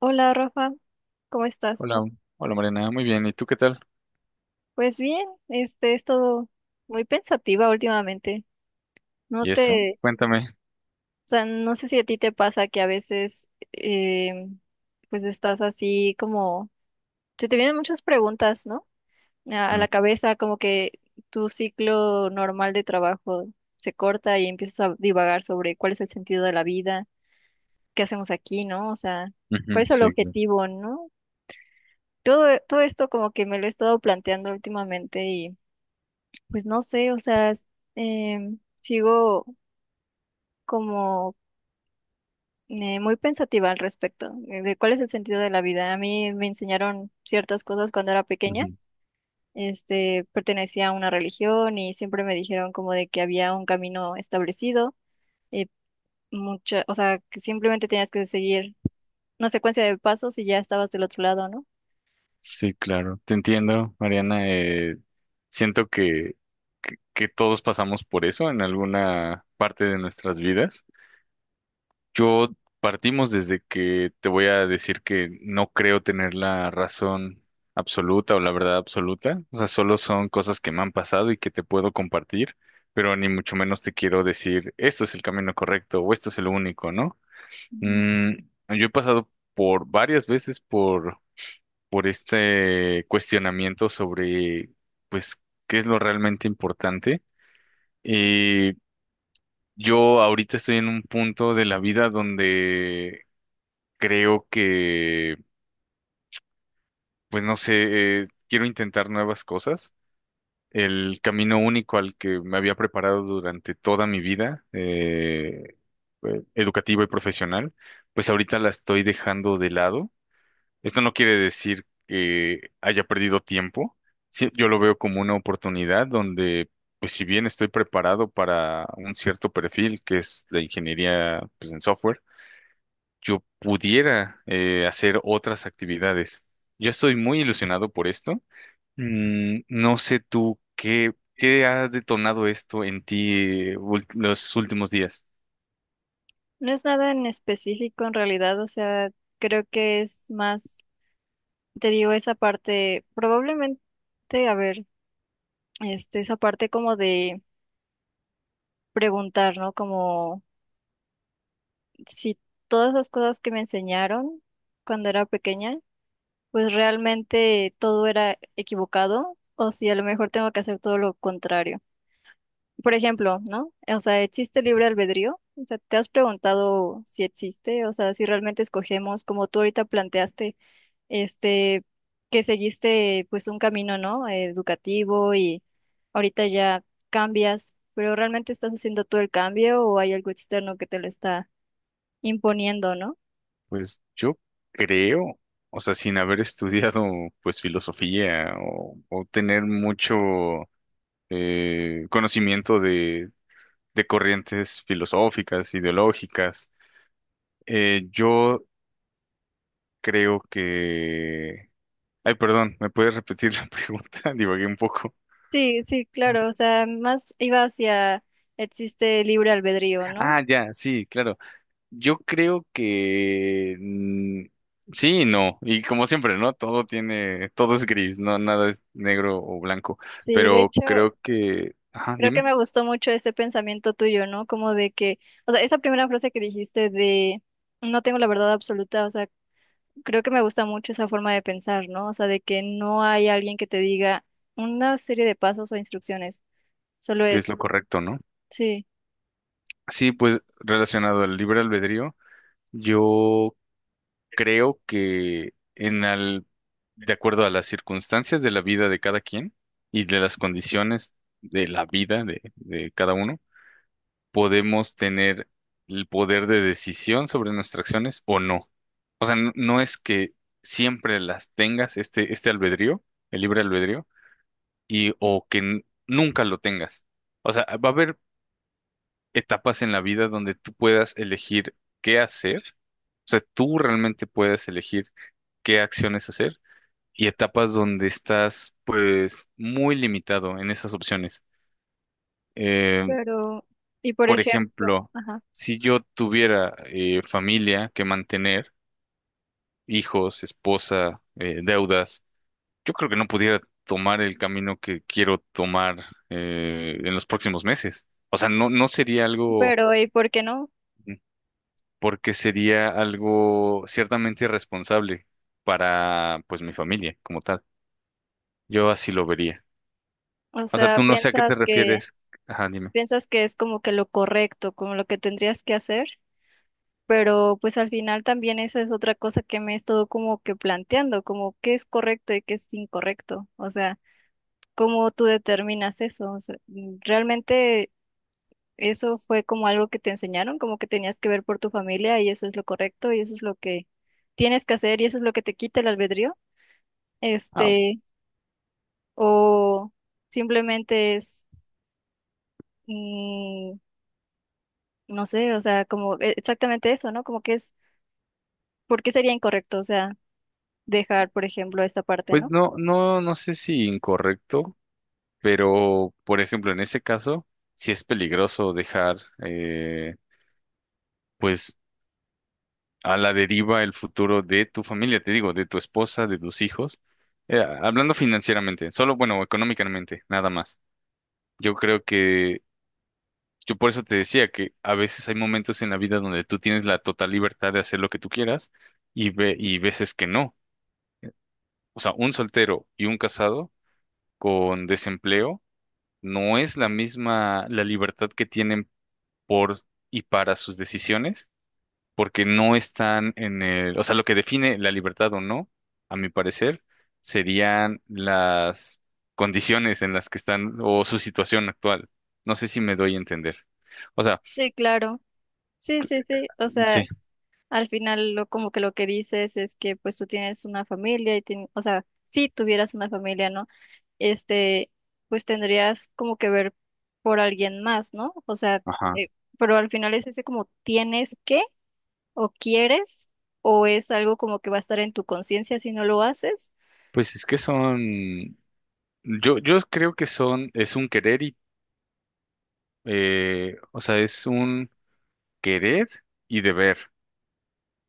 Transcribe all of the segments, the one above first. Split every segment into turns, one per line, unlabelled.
Hola Rafa, ¿cómo estás?
Hola, hola Mariana, muy bien. ¿Y tú qué tal?
Pues bien, he estado muy pensativa últimamente. No
¿Y eso?
te,
Cuéntame.
o sea, no sé si a ti te pasa que a veces eh, pues estás así como se te vienen muchas preguntas, ¿no? A la
Hola.
cabeza, como que tu ciclo normal de trabajo se corta y empiezas a divagar sobre cuál es el sentido de la vida, qué hacemos aquí, ¿no? O sea, cuál
Ujú,
es el
sí,
objetivo, ¿no? Todo esto como que me lo he estado planteando últimamente. Y pues no sé, o sea, sigo como, muy pensativa al respecto, de cuál es el sentido de la vida. A mí me enseñaron ciertas cosas cuando era pequeña.
ujú.
Pertenecía a una religión y siempre me dijeron como de que había un camino establecido, eh, o sea, que simplemente tenías que seguir una secuencia de pasos y ya estabas del otro lado, ¿no?
Sí, claro. Te entiendo, Mariana. Siento que todos pasamos por eso en alguna parte de nuestras vidas. Yo partimos desde que te voy a decir que no creo tener la razón absoluta o la verdad absoluta. O sea, solo son cosas que me han pasado y que te puedo compartir, pero ni mucho menos te quiero decir, esto es el camino correcto o esto es el único, ¿no?
Ujú.
Mm, yo he pasado por varias veces por este cuestionamiento sobre, pues, qué es lo realmente importante. Y yo ahorita estoy en un punto de la vida donde creo que, pues, no sé, quiero intentar nuevas cosas. El camino único al que me había preparado durante toda mi vida, educativa y profesional, pues ahorita la estoy dejando de lado. Esto no quiere decir que haya perdido tiempo. Sí, yo lo veo como una oportunidad donde, pues si bien estoy preparado para un cierto perfil que es la ingeniería, pues, en software, yo pudiera hacer otras actividades. Yo estoy muy ilusionado por esto. No sé tú qué ha detonado esto en ti los últimos días.
No es nada en específico en realidad, o sea, creo que es más. Te digo esa parte, probablemente, a ver, esa parte como de preguntar, ¿no? Como si todas las cosas que me enseñaron cuando era pequeña, pues realmente todo era equivocado, o si a lo mejor tengo que hacer todo lo contrario. Por ejemplo, ¿no? O sea, ¿existe libre albedrío? O sea, ¿te has preguntado si existe? O sea, si realmente escogemos, como tú ahorita planteaste, este, que seguiste, pues, un camino, ¿no?, educativo, y ahorita ya cambias, pero ¿realmente estás haciendo tú el cambio o hay algo externo que te lo está imponiendo, ¿no?
Pues yo creo, o sea, sin haber estudiado pues filosofía o tener mucho conocimiento de corrientes filosóficas, ideológicas, yo creo que... Ay, perdón, ¿me puedes repetir la pregunta? Divagué un poco.
Sí, sí, claro, o sea, más iba hacia existe libre albedrío, ¿no?
Ah, ya, sí, claro. Yo creo que sí y no. Y como siempre, ¿no? Todo tiene, todo es gris, no nada es negro o blanco.
Sí, de
Pero
hecho,
creo que, ajá,
creo que
dime,
me gustó mucho ese pensamiento tuyo, ¿no? Como de que, o sea, esa primera frase que dijiste de no tengo la verdad absoluta, o sea, creo que me gusta mucho esa forma de pensar, ¿no? O sea, de que no hay alguien que te diga una serie de pasos o instrucciones, solo
qué es
es,
lo correcto, ¿no?
sí,
Sí, pues relacionado al libre albedrío, yo creo que de acuerdo a las circunstancias de la vida de cada quien y de las condiciones de la vida de cada uno podemos tener el poder de decisión sobre nuestras acciones o no. O sea, no es que siempre las tengas, este albedrío, el libre albedrío, y o que nunca lo tengas. O sea, va a haber etapas en la vida donde tú puedas elegir qué hacer. O sea, tú realmente puedes elegir qué acciones hacer y etapas donde estás, pues, muy limitado en esas opciones. Eh,
pero, y por
Por
ejemplo,
ejemplo,
ajá,
si yo tuviera familia que mantener, hijos, esposa, deudas, yo creo que no pudiera tomar el camino que quiero tomar en los próximos meses. O sea, no, no sería algo,
pero, ¿y por qué no?
mm, porque sería algo ciertamente irresponsable para, pues, mi familia como tal. Yo así lo vería.
O
O sea,
sea,
tú no sé a qué te refieres. Ajá, dime.
piensas que es como que lo correcto, como lo que tendrías que hacer, pero pues al final también esa es otra cosa que me he estado como que planteando, como qué es correcto y qué es incorrecto, o sea, cómo tú determinas eso, o sea, realmente eso fue como algo que te enseñaron, como que tenías que ver por tu familia y eso es lo correcto y eso es lo que tienes que hacer y eso es lo que te quita el albedrío.
Ah,
Este, o simplemente es, mm, no sé, o sea, como exactamente eso, ¿no? Como que es, ¿por qué sería incorrecto? O sea, dejar, por ejemplo, esta parte,
pues
¿no?
no, no, no sé si incorrecto. Pero, por ejemplo, en ese caso, sí es peligroso dejar, eh, pues, a la deriva el futuro de tu familia, te digo, de tu esposa, de tus hijos. Hablando financieramente, solo, bueno, económicamente, nada más. Yo creo que, yo por eso te decía que a veces hay momentos en la vida donde tú tienes la total libertad de hacer lo que tú quieras y, y veces que no. O sea, un soltero y un casado con desempleo no es la misma la libertad que tienen por y para sus decisiones, porque no están en el, o sea, lo que define la libertad o no, a mi parecer, serían las condiciones en las que están o su situación actual. No sé si me doy a entender. O sea,
Sí, claro. Sí, sí, sí. O sea,
sí,
al final lo como que lo que dices es que pues tú tienes una familia y o sea, si tuvieras una familia, ¿no? este, pues tendrías como que ver por alguien más, ¿no? O sea,
ajá.
eh, pero al final es ese como tienes que o quieres o es algo como que va a estar en tu conciencia si no lo haces.
Pues es que son, yo creo que son, es un querer y, o sea, es un querer y deber.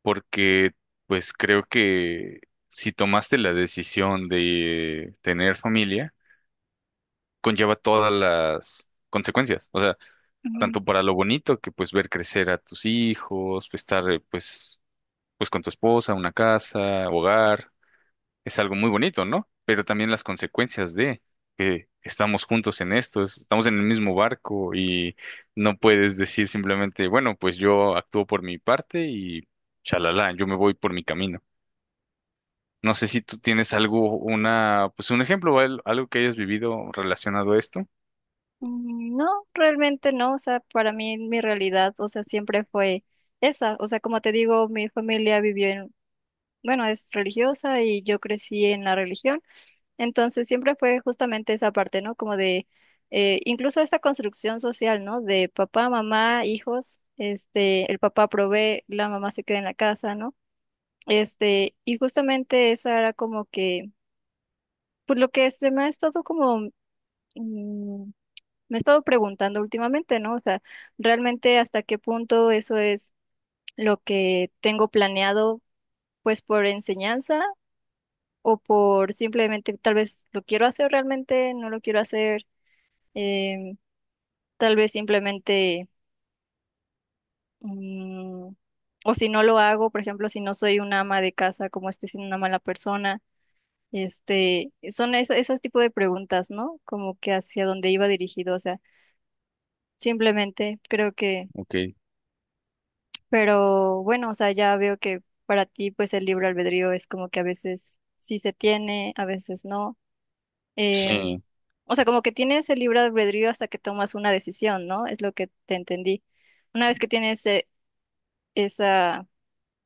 Porque pues creo que si tomaste la decisión de tener familia, conlleva todas las consecuencias, o sea,
Mm,
tanto para lo bonito que pues ver crecer a tus hijos, pues, estar pues con tu esposa, una casa, hogar, es algo muy bonito, ¿no? Pero también las consecuencias de que estamos juntos en esto, estamos en el mismo barco y no puedes decir simplemente, bueno, pues yo actúo por mi parte y chalala, yo me voy por mi camino. No sé si tú tienes algo, una, pues un ejemplo, o algo que hayas vivido relacionado a esto.
mm, no, realmente no, o sea, para mí mi realidad, o sea, siempre fue esa. O sea, como te digo, mi familia vivió en, bueno, es religiosa, y yo crecí en la religión. Entonces siempre fue justamente esa parte, ¿no? Como de, incluso esa construcción social, ¿no? De papá, mamá, hijos, el papá provee, la mamá se queda en la casa, ¿no? Y justamente esa era como que, pues lo que se me ha estado como, mm, me he estado preguntando últimamente, ¿no? O sea, realmente hasta qué punto eso es lo que tengo planeado, pues por enseñanza, o por simplemente tal vez lo quiero hacer realmente, no lo quiero hacer, em, Tal vez simplemente, mm, o si no lo hago, por ejemplo, si no soy una ama de casa, como estoy siendo una mala persona. Son esas tipo de preguntas, ¿no? Como que hacia dónde iba dirigido, o sea, simplemente creo que,
Ok.
pero bueno, o sea, ya veo que para ti, pues el libre albedrío es como que a veces sí se tiene, a veces no. Eh,
Sí,
o sea, como que tienes el libre albedrío hasta que tomas una decisión, ¿no? Es lo que te entendí. Una vez que tienes, esa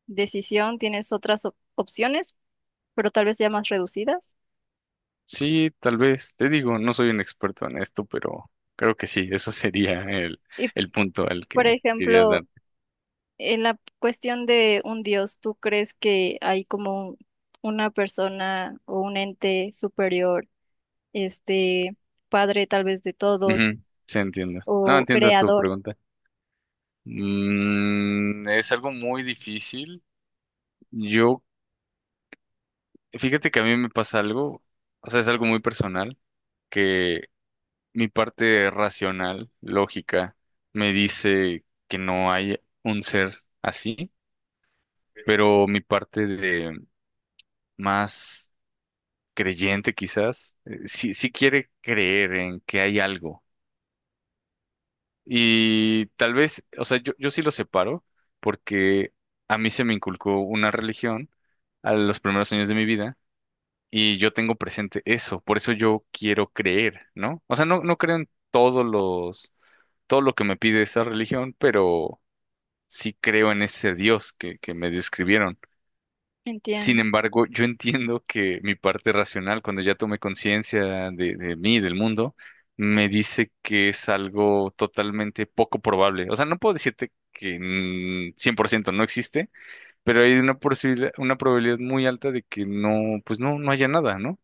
decisión, tienes otras opciones, pero tal vez ya más reducidas.
sí, tal vez. Te digo, no soy un experto en esto, pero creo que sí, eso sería
Y,
el punto al
por
que querías
ejemplo,
dar.
en la cuestión de un dios, ¿tú crees que hay como una persona o un ente superior, este, padre tal vez de todos
Ujú, sí, entiendo. No,
o
entiendo tu
creador?
pregunta. Es algo muy difícil. Yo, fíjate que a mí me pasa algo, o sea, es algo muy personal que mi parte racional, lógica, me dice que no hay un ser así, pero mi parte de más creyente quizás, sí, sí quiere creer en que hay algo. Y tal vez, o sea, yo sí lo separo porque a mí se me inculcó una religión a los primeros años de mi vida y yo tengo presente eso, por eso yo quiero creer, ¿no? O sea, no, no creo en todo lo que me pide esa religión, pero sí creo en ese Dios que me describieron.
Entiendo.
Sin embargo, yo entiendo que mi parte racional, cuando ya tomé conciencia de mí, del mundo, me dice que es algo totalmente poco probable. O sea, no puedo decirte que 100% no existe, pero hay una posibilidad, una probabilidad muy alta de que no, pues no, no haya nada, ¿no?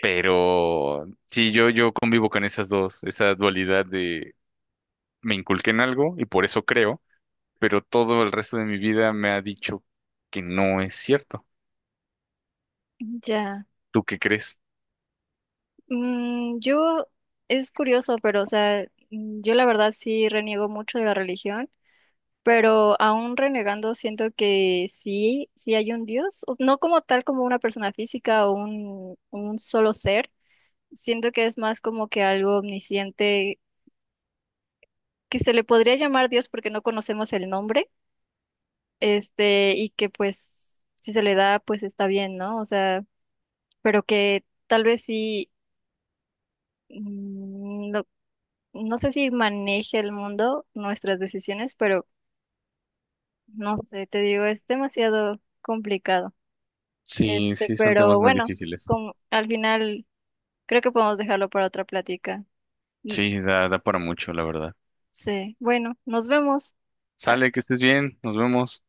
Pero sí, yo convivo con esas dos, esa dualidad de me inculqué en algo y por eso creo, pero todo el resto de mi vida me ha dicho que no es cierto.
Ya.
¿Tú qué crees?
Mm, yo, es curioso, pero, o sea, yo la verdad sí reniego mucho de la religión. Pero aún renegando, siento que sí, sí hay un Dios, no como tal como una persona física o un solo ser. Siento que es más como que algo omnisciente, que se le podría llamar Dios porque no conocemos el nombre, y que pues si se le da, pues está bien, ¿no? O sea, pero que tal vez sí, no, no sé si maneje el mundo, nuestras decisiones, pero no sé, te digo, es demasiado complicado.
Sí, sí, son
Pero
temas muy
bueno,
difíciles.
con, al final creo que podemos dejarlo para otra plática. Mm,
Sí, da, da para mucho, la verdad.
sí, bueno, nos vemos. Ah,
Sale, que estés bien, nos vemos.